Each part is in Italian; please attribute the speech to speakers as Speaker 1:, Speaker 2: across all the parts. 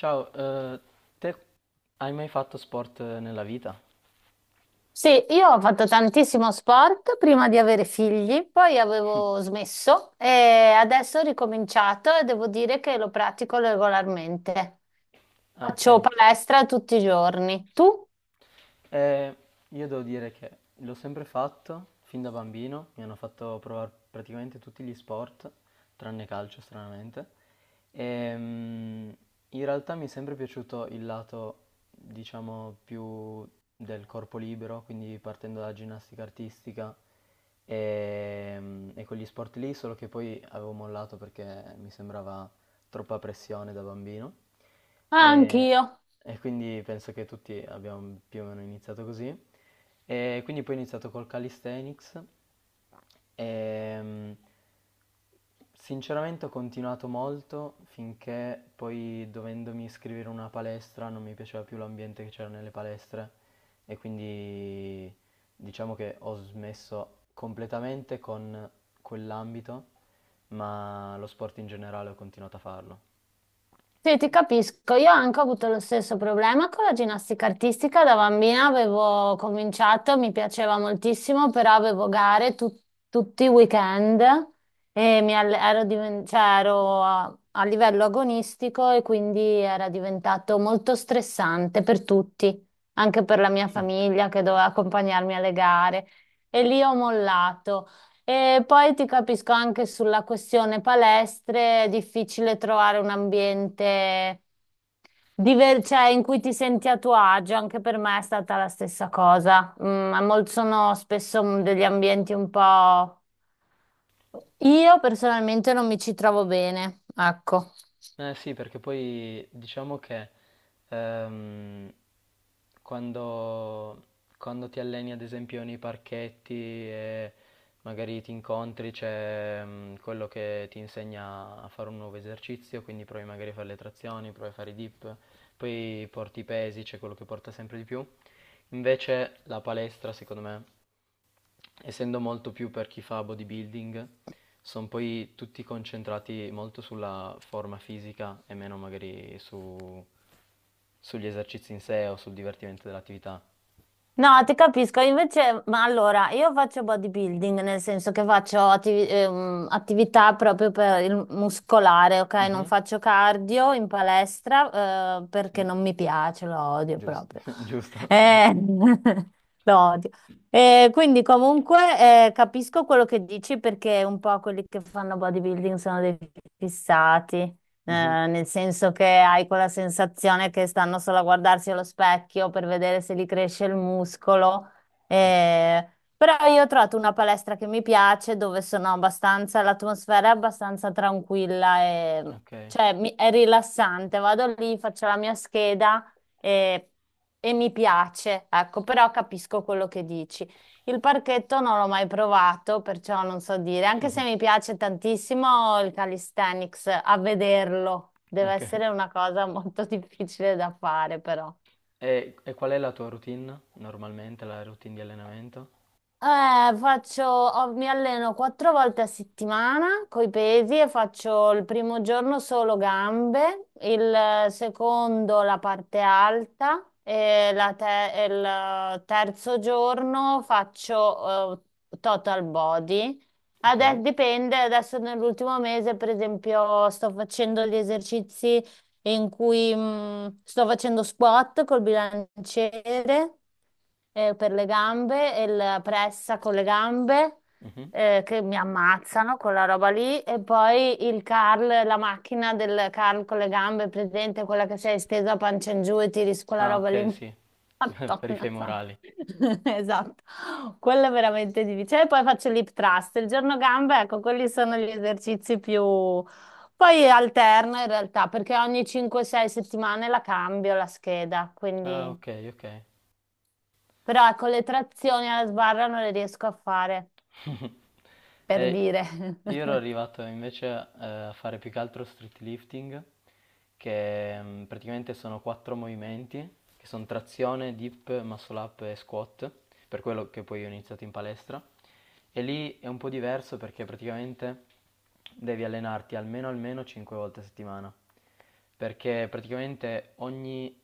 Speaker 1: Ciao, te hai mai fatto sport nella vita?
Speaker 2: Sì, io ho fatto tantissimo sport prima di avere figli, poi avevo smesso e adesso ho ricominciato e devo dire che lo pratico regolarmente.
Speaker 1: Ah, ok.
Speaker 2: Faccio palestra tutti i giorni. Tu?
Speaker 1: Eh, io devo dire che l'ho sempre fatto, fin da bambino, mi hanno fatto provare praticamente tutti gli sport, tranne calcio stranamente, e in realtà mi è sempre piaciuto il lato, diciamo, più del corpo libero, quindi partendo dalla ginnastica artistica e quegli sport lì, solo che poi avevo mollato perché mi sembrava troppa pressione da bambino.
Speaker 2: Ah,
Speaker 1: E,
Speaker 2: anch'io.
Speaker 1: e quindi penso che tutti abbiamo più o meno iniziato così. E quindi poi ho iniziato col calisthenics e sinceramente ho continuato molto finché poi dovendomi iscrivere a una palestra non mi piaceva più l'ambiente che c'era nelle palestre e quindi diciamo che ho smesso completamente con quell'ambito, ma lo sport in generale ho continuato a farlo.
Speaker 2: Sì, ti capisco. Io anche ho avuto lo stesso problema con la ginnastica artistica. Da bambina avevo cominciato, mi piaceva moltissimo, però avevo gare tutti i weekend e ero, cioè, ero a livello agonistico e quindi era diventato molto stressante per tutti, anche per la mia famiglia che doveva accompagnarmi alle gare. E lì ho mollato. E poi ti capisco anche sulla questione palestre, è difficile trovare un ambiente cioè, in cui ti senti a tuo agio, anche per me è stata la stessa cosa. Sono spesso degli ambienti un po'. Io personalmente non mi ci trovo bene, ecco.
Speaker 1: Eh sì, perché poi diciamo che ehm, quando, quando ti alleni ad esempio nei parchetti e magari ti incontri c'è quello che ti insegna a fare un nuovo esercizio, quindi provi magari a fare le trazioni, provi a fare i dip, poi porti i pesi, c'è quello che porta sempre di più. Invece la palestra, secondo me, essendo molto più per chi fa bodybuilding, sono poi tutti concentrati molto sulla forma fisica e meno magari sugli esercizi in sé o sul divertimento dell'attività.
Speaker 2: No, ti capisco, invece, ma allora, io faccio bodybuilding, nel senso che faccio attività proprio per il muscolare, ok? Non
Speaker 1: Mhm.
Speaker 2: faccio cardio in palestra, perché
Speaker 1: Sì,
Speaker 2: non mi piace, lo odio
Speaker 1: giusto,
Speaker 2: proprio.
Speaker 1: giusto.
Speaker 2: Eh, lo odio. Quindi comunque capisco quello che dici perché un po' quelli che fanno bodybuilding sono dei fissati.
Speaker 1: Mhm.
Speaker 2: Eh, nel senso che hai quella sensazione che stanno solo a guardarsi allo specchio per vedere se gli cresce il muscolo. Eh, però io ho trovato una palestra che mi piace, dove sono abbastanza, l'atmosfera è abbastanza tranquilla e
Speaker 1: Ok,
Speaker 2: cioè, è rilassante. Vado lì, faccio la mia scheda e, e mi piace, ecco, però capisco quello che dici. Il parchetto non l'ho mai provato, perciò non so dire, anche se mi piace tantissimo il calisthenics, a vederlo. Deve
Speaker 1: ok.
Speaker 2: essere una cosa molto difficile da fare, però.
Speaker 1: E qual è la tua routine normalmente, la routine di allenamento?
Speaker 2: Mi alleno quattro volte a settimana con i pesi e faccio il primo giorno solo gambe, il secondo la parte alta e il terzo giorno faccio total body.
Speaker 1: Ok.
Speaker 2: Adesso dipende, adesso nell'ultimo mese per esempio sto facendo gli esercizi e in cui sto facendo squat col bilanciere per le gambe e la pressa con le gambe
Speaker 1: Mhm.
Speaker 2: che mi ammazzano quella roba lì e poi il curl, la macchina del curl con le gambe, presente quella che sei stesa a pancia in giù e tiri su quella
Speaker 1: Ah,
Speaker 2: roba lì.
Speaker 1: ok, sì, per i
Speaker 2: Madonna santa.
Speaker 1: femorali.
Speaker 2: Esatto, quello è veramente difficile. E poi faccio l'hip thrust, il giorno gambe, ecco, quelli sono gli esercizi più, poi alterno in realtà perché ogni 5-6 settimane la cambio la scheda,
Speaker 1: Ah,
Speaker 2: quindi.
Speaker 1: ok, ok.
Speaker 2: Però ecco, le trazioni alla sbarra non le riesco a fare, per
Speaker 1: E
Speaker 2: dire.
Speaker 1: io ero arrivato invece a fare più che altro street lifting, che praticamente sono quattro movimenti, che sono trazione, dip, muscle up e squat, per quello che poi ho iniziato in palestra. E lì è un po' diverso perché praticamente devi allenarti almeno almeno 5 volte a settimana, perché praticamente ogni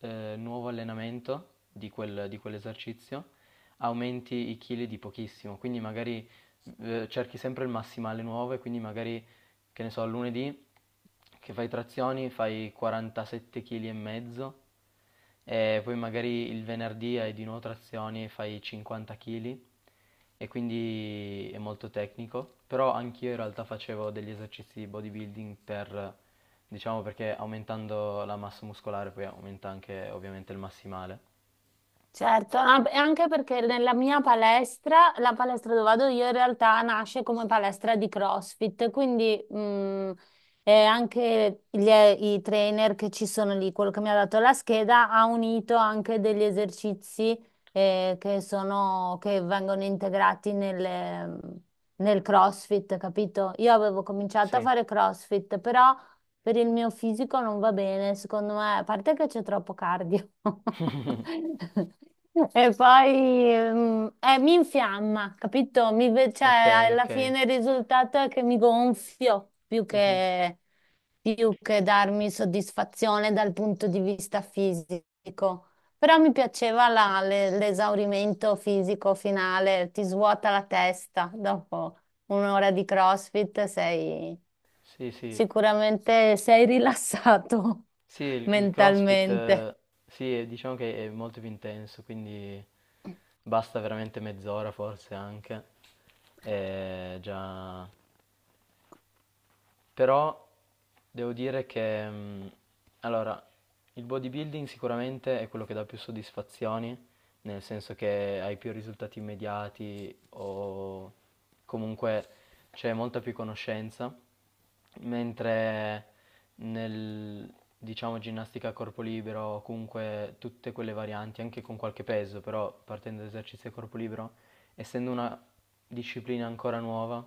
Speaker 1: nuovo allenamento di quell'esercizio aumenti i chili di pochissimo, quindi magari cerchi sempre il massimale nuovo e quindi magari, che ne so, lunedì che fai trazioni fai 47 kg e mezzo e poi magari il venerdì hai di nuovo trazioni e fai 50 kg e quindi è molto tecnico, però anch'io in realtà facevo degli esercizi di bodybuilding per, diciamo perché aumentando la massa muscolare poi aumenta anche ovviamente il massimale.
Speaker 2: Certo, ah, e anche perché nella mia palestra, la palestra dove vado io in realtà nasce come palestra di CrossFit, quindi anche i trainer che ci sono lì, quello che mi ha dato la scheda, ha unito anche degli esercizi che sono, che vengono integrati nel CrossFit, capito? Io avevo cominciato a
Speaker 1: Sì.
Speaker 2: fare CrossFit, però per il mio fisico non va bene, secondo me, a parte che c'è troppo cardio. E poi mi infiamma, capito? Cioè,
Speaker 1: Ok,
Speaker 2: alla
Speaker 1: ok.
Speaker 2: fine il risultato è che mi gonfio
Speaker 1: Mhm.
Speaker 2: più che darmi soddisfazione dal punto di vista fisico. Però mi piaceva l'esaurimento fisico finale, ti svuota la testa dopo un'ora di CrossFit sei
Speaker 1: Sì, sì.
Speaker 2: sicuramente sei rilassato
Speaker 1: Sì, il CrossFit,
Speaker 2: mentalmente.
Speaker 1: sì, diciamo che è molto più intenso, quindi basta veramente mezz'ora forse anche. E già. Però devo dire che, allora, il bodybuilding sicuramente è quello che dà più soddisfazioni, nel senso che hai più risultati immediati o comunque c'è molta più conoscenza, mentre nel, diciamo, ginnastica a corpo libero, o comunque tutte quelle varianti, anche con qualche peso, però partendo da esercizi a corpo libero, essendo una disciplina ancora nuova,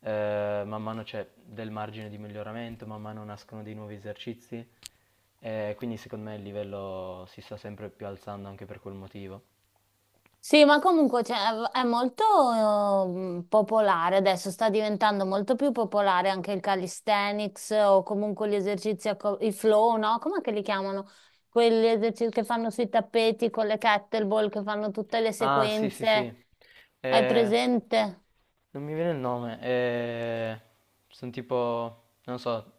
Speaker 1: man mano c'è del margine di miglioramento, man mano nascono dei nuovi esercizi, quindi secondo me il livello si sta sempre più alzando anche per quel motivo.
Speaker 2: Sì, ma comunque cioè, è molto popolare adesso, sta diventando molto più popolare anche il calisthenics o comunque gli esercizi, i flow, no? Com'è che li chiamano? Quegli esercizi che fanno sui tappeti con le kettlebell, che fanno tutte le
Speaker 1: Ah, sì, sì, sì.
Speaker 2: sequenze. Hai
Speaker 1: Eh,
Speaker 2: presente?
Speaker 1: non mi viene il nome. Sono tipo, non so,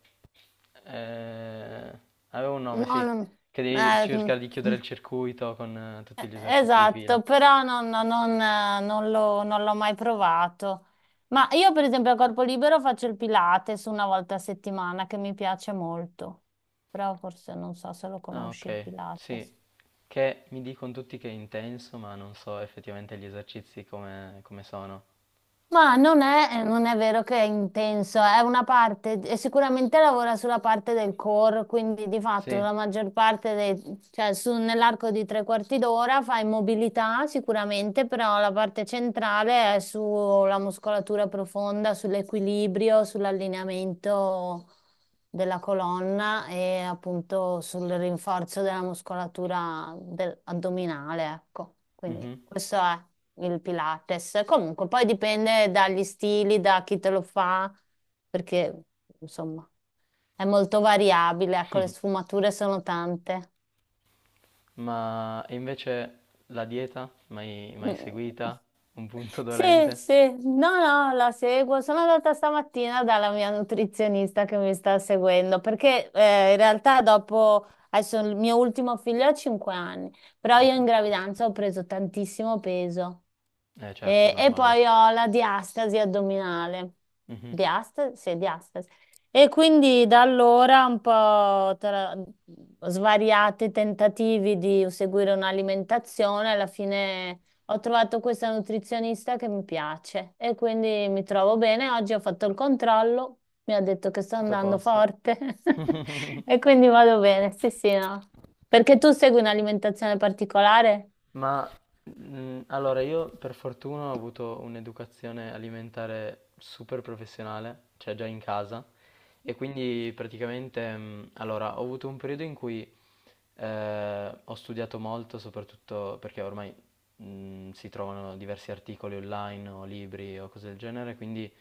Speaker 1: eh, avevo un nome,
Speaker 2: No,
Speaker 1: sì,
Speaker 2: non...
Speaker 1: che devi
Speaker 2: eh,
Speaker 1: cercare di chiudere
Speaker 2: mm.
Speaker 1: il circuito con tutti gli esercizi di fila.
Speaker 2: Esatto, però non l'ho mai provato. Ma io, per esempio, a corpo libero faccio il Pilates una volta a settimana che mi piace molto. Però forse non so se lo
Speaker 1: Ah,
Speaker 2: conosci il
Speaker 1: ok,
Speaker 2: Pilates.
Speaker 1: sì, che mi dicono tutti che è intenso, ma non so effettivamente gli esercizi come, come sono.
Speaker 2: Ma non è vero che è intenso, è una parte, e sicuramente lavora sulla parte del core, quindi di fatto
Speaker 1: Sì,
Speaker 2: la maggior parte, dei, cioè nell'arco di tre quarti d'ora fai mobilità sicuramente, però la parte centrale è sulla muscolatura profonda, sull'equilibrio, sull'allineamento della colonna e appunto sul rinforzo della muscolatura addominale, ecco, quindi
Speaker 1: mhm.
Speaker 2: questo è il Pilates. Comunque, poi dipende dagli stili, da chi te lo fa, perché insomma è molto variabile, ecco, le sfumature sono tante.
Speaker 1: Ma e invece la dieta, mai, mai
Speaker 2: Mm.
Speaker 1: seguita? Un punto
Speaker 2: Sì,
Speaker 1: dolente?
Speaker 2: sì, no, no, la seguo. Sono andata stamattina dalla mia nutrizionista che mi sta seguendo, perché in realtà dopo, adesso il mio ultimo figlio ha 5 anni, però io
Speaker 1: Ok,
Speaker 2: in gravidanza ho preso tantissimo peso.
Speaker 1: eh certo, è
Speaker 2: E
Speaker 1: normale.
Speaker 2: poi ho la diastasi addominale.
Speaker 1: Mhm.
Speaker 2: Diastasi? Sì, diastasi. E quindi da allora un po' tra svariati tentativi di seguire un'alimentazione, alla fine ho trovato questa nutrizionista che mi piace e quindi mi trovo bene. Oggi ho fatto il controllo, mi ha detto che sto
Speaker 1: Tutto a
Speaker 2: andando
Speaker 1: posto.
Speaker 2: forte e quindi vado bene. Sì, sì, no. Perché tu segui un'alimentazione particolare?
Speaker 1: Ma allora io per fortuna ho avuto un'educazione alimentare super professionale, cioè già in casa, e quindi praticamente allora ho avuto un periodo in cui ho studiato molto, soprattutto perché ormai si trovano diversi articoli online o libri o cose del genere, quindi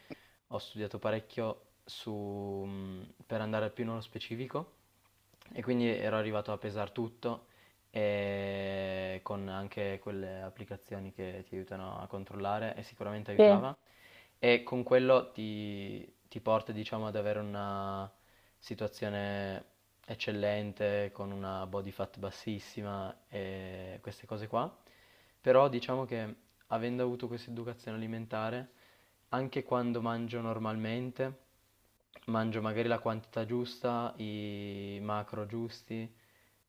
Speaker 1: ho studiato parecchio su, per andare più nello specifico e quindi ero arrivato a pesare tutto e con anche quelle applicazioni che ti aiutano a controllare e sicuramente
Speaker 2: Sì.
Speaker 1: aiutava e con quello ti porta, diciamo, ad avere una situazione eccellente, con una body fat bassissima e queste cose qua. Però diciamo che avendo avuto questa educazione alimentare, anche quando mangio normalmente, mangio magari la quantità giusta, i macro giusti,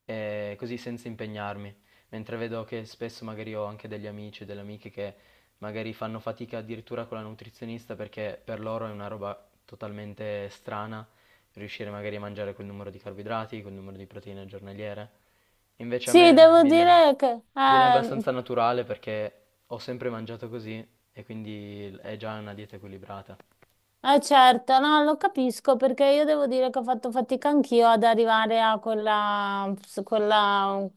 Speaker 1: e così senza impegnarmi. Mentre vedo che spesso magari ho anche degli amici e delle amiche che magari fanno fatica addirittura con la nutrizionista perché per loro è una roba totalmente strana riuscire magari a mangiare quel numero di carboidrati, quel numero di proteine giornaliere. Invece a
Speaker 2: Sì,
Speaker 1: me
Speaker 2: devo
Speaker 1: viene,
Speaker 2: dire che...
Speaker 1: viene abbastanza naturale perché ho sempre mangiato così e quindi è già una dieta equilibrata.
Speaker 2: Certo, no, lo capisco perché io devo dire che ho fatto fatica anch'io ad arrivare a quella,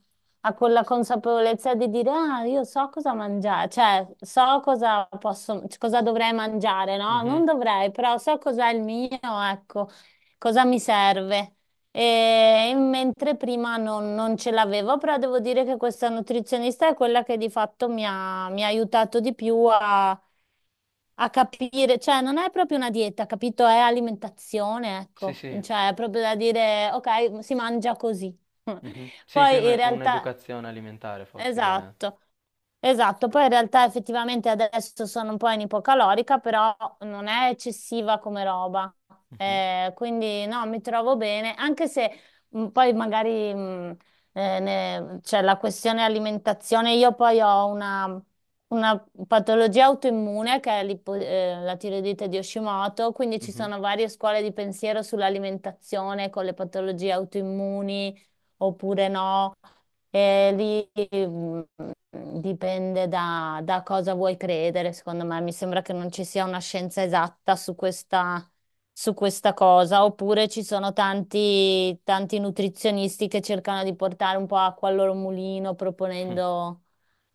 Speaker 2: a quella consapevolezza di dire, ah, io so cosa mangiare, cioè so cosa posso, cosa dovrei mangiare, no? Non
Speaker 1: Mhm.
Speaker 2: dovrei, però so cos'è il mio, ecco, cosa mi serve. E mentre prima non ce l'avevo, però devo dire che questa nutrizionista è quella che di fatto mi ha aiutato di più a capire, cioè non è proprio una dieta, capito? È alimentazione,
Speaker 1: Sì,
Speaker 2: ecco,
Speaker 1: sì.
Speaker 2: cioè è proprio da dire, ok, si mangia così.
Speaker 1: Mhm. Sì, più
Speaker 2: Poi in realtà...
Speaker 1: un'educazione alimentare forse che...
Speaker 2: Esatto, esatto. Poi in realtà effettivamente adesso sono un po' in ipocalorica, però non è eccessiva come roba.
Speaker 1: Mhm,
Speaker 2: Quindi no, mi trovo bene, anche se poi magari c'è la questione alimentazione. Io poi ho una patologia autoimmune che è la tiroidite di Hashimoto, quindi ci
Speaker 1: mhm.
Speaker 2: sono varie scuole di pensiero sull'alimentazione con le patologie autoimmuni oppure no. E lì dipende da cosa vuoi credere, secondo me. Mi sembra che non ci sia una scienza esatta su questa cosa, oppure ci sono tanti, tanti nutrizionisti che cercano di portare un po' acqua al loro mulino, proponendo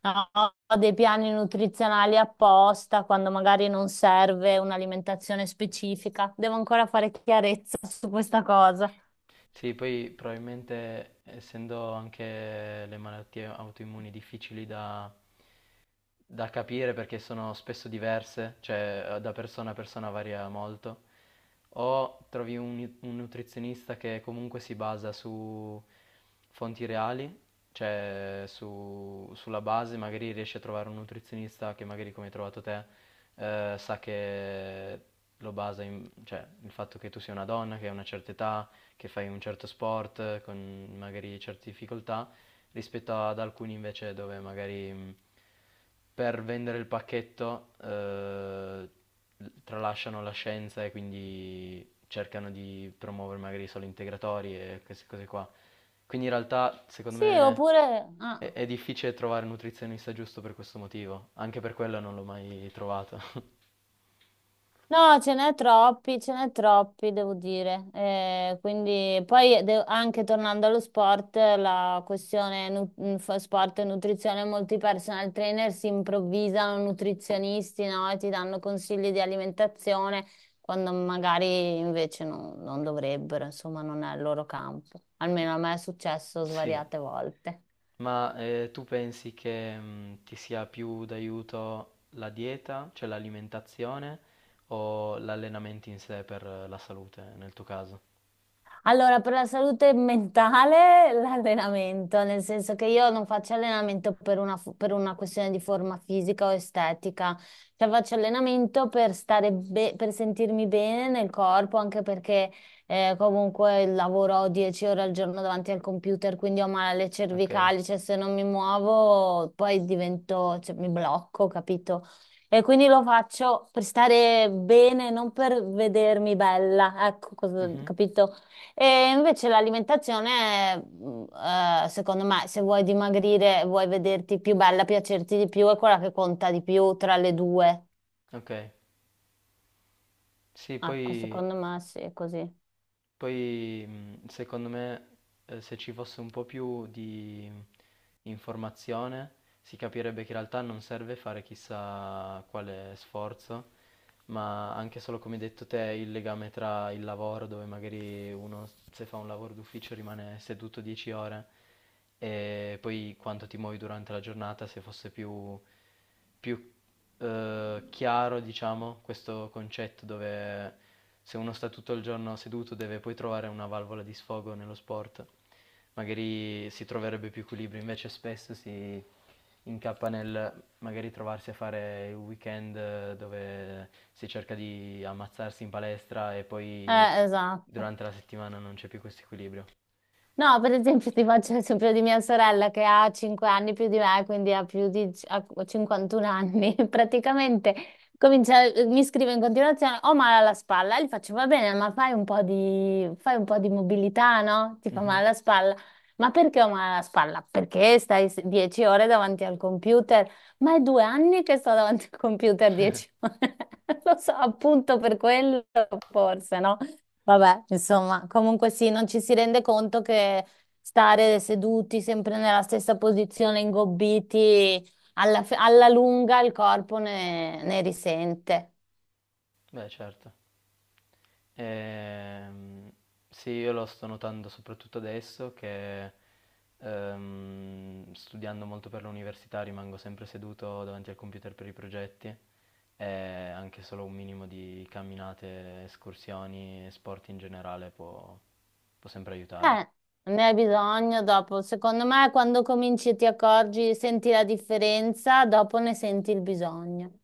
Speaker 2: no, dei piani nutrizionali apposta, quando magari non serve un'alimentazione specifica. Devo ancora fare chiarezza su questa cosa.
Speaker 1: Sì, poi probabilmente essendo anche le malattie autoimmuni difficili da capire perché sono spesso diverse, cioè da persona a persona varia molto, o trovi un nutrizionista che comunque si basa su fonti reali, cioè sulla base, magari riesci a trovare un nutrizionista che magari come hai trovato te sa che lo basa in, cioè il fatto che tu sia una donna, che hai una certa età, che fai un certo sport con magari certe difficoltà rispetto ad alcuni invece dove magari per vendere il pacchetto tralasciano la scienza e quindi cercano di promuovere magari solo integratori e queste cose qua. Quindi in realtà secondo
Speaker 2: Sì,
Speaker 1: me
Speaker 2: oppure...
Speaker 1: è,
Speaker 2: ah.
Speaker 1: è difficile trovare un nutrizionista giusto per questo motivo, anche per quello non l'ho mai trovato.
Speaker 2: No, ce n'è troppi, devo dire. Quindi poi anche tornando allo sport, la questione sport e nutrizione, molti personal trainer si improvvisano nutrizionisti, no? E ti danno consigli di alimentazione quando magari invece non dovrebbero, insomma, non è il loro campo. Almeno a me è successo
Speaker 1: Sì.
Speaker 2: svariate volte.
Speaker 1: Ma tu pensi che ti sia più d'aiuto la dieta, cioè l'alimentazione, o l'allenamento in sé per la salute, nel tuo caso?
Speaker 2: Allora, per la salute mentale, l'allenamento, nel senso che io non faccio allenamento per una, per una questione di forma fisica o estetica, cioè faccio allenamento per stare per sentirmi bene nel corpo, anche perché comunque lavoro 10 ore al giorno davanti al computer, quindi ho male alle
Speaker 1: Ok.
Speaker 2: cervicali, cioè se non mi muovo poi divento, cioè, mi blocco, capito? E quindi lo faccio per stare bene, non per vedermi bella, ecco,
Speaker 1: Mhm.
Speaker 2: capito? E invece l'alimentazione, secondo me, se vuoi dimagrire, vuoi vederti più bella, piacerti di più, è quella che conta di più tra le due.
Speaker 1: Ok. Sì,
Speaker 2: Ecco,
Speaker 1: poi,
Speaker 2: secondo me sì, è così.
Speaker 1: secondo me se ci fosse un po' più di informazione, si capirebbe che in realtà non serve fare chissà quale sforzo, ma anche solo come hai detto te il legame tra il lavoro, dove magari uno se fa un lavoro d'ufficio rimane seduto 10 ore, e poi quanto ti muovi durante la giornata, se fosse più chiaro, diciamo, questo concetto dove se uno sta tutto il giorno seduto deve poi trovare una valvola di sfogo nello sport magari si troverebbe più equilibrio, invece spesso si incappa nel magari trovarsi a fare il weekend dove si cerca di ammazzarsi in palestra e poi
Speaker 2: Esatto.
Speaker 1: durante la settimana non c'è più questo equilibrio.
Speaker 2: No, per esempio ti faccio l'esempio di mia sorella che ha 5 anni più di me, quindi ha più di ha 51 anni. Praticamente comincia, mi scrive in continuazione, ho male alla spalla, e gli faccio va bene, ma fai un po' di mobilità, no? Ti fa male
Speaker 1: Mhm.
Speaker 2: alla spalla. Ma perché ho male alla spalla? Perché stai 10 ore davanti al computer? Ma è 2 anni che sto davanti al computer 10 ore. Lo so, appunto per quello, forse, no? Vabbè, insomma, comunque sì, non ci si rende conto che stare seduti sempre nella stessa posizione, ingobbiti, alla lunga il corpo ne risente.
Speaker 1: Beh, certo. Ehm, sì, io lo sto notando soprattutto adesso che studiando molto per l'università rimango sempre seduto davanti al computer per i progetti e anche solo un minimo di camminate, escursioni e sport in generale può sempre
Speaker 2: Eh,
Speaker 1: aiutare.
Speaker 2: ne hai bisogno dopo. Secondo me, quando cominci e ti accorgi, senti la differenza, dopo ne senti il bisogno.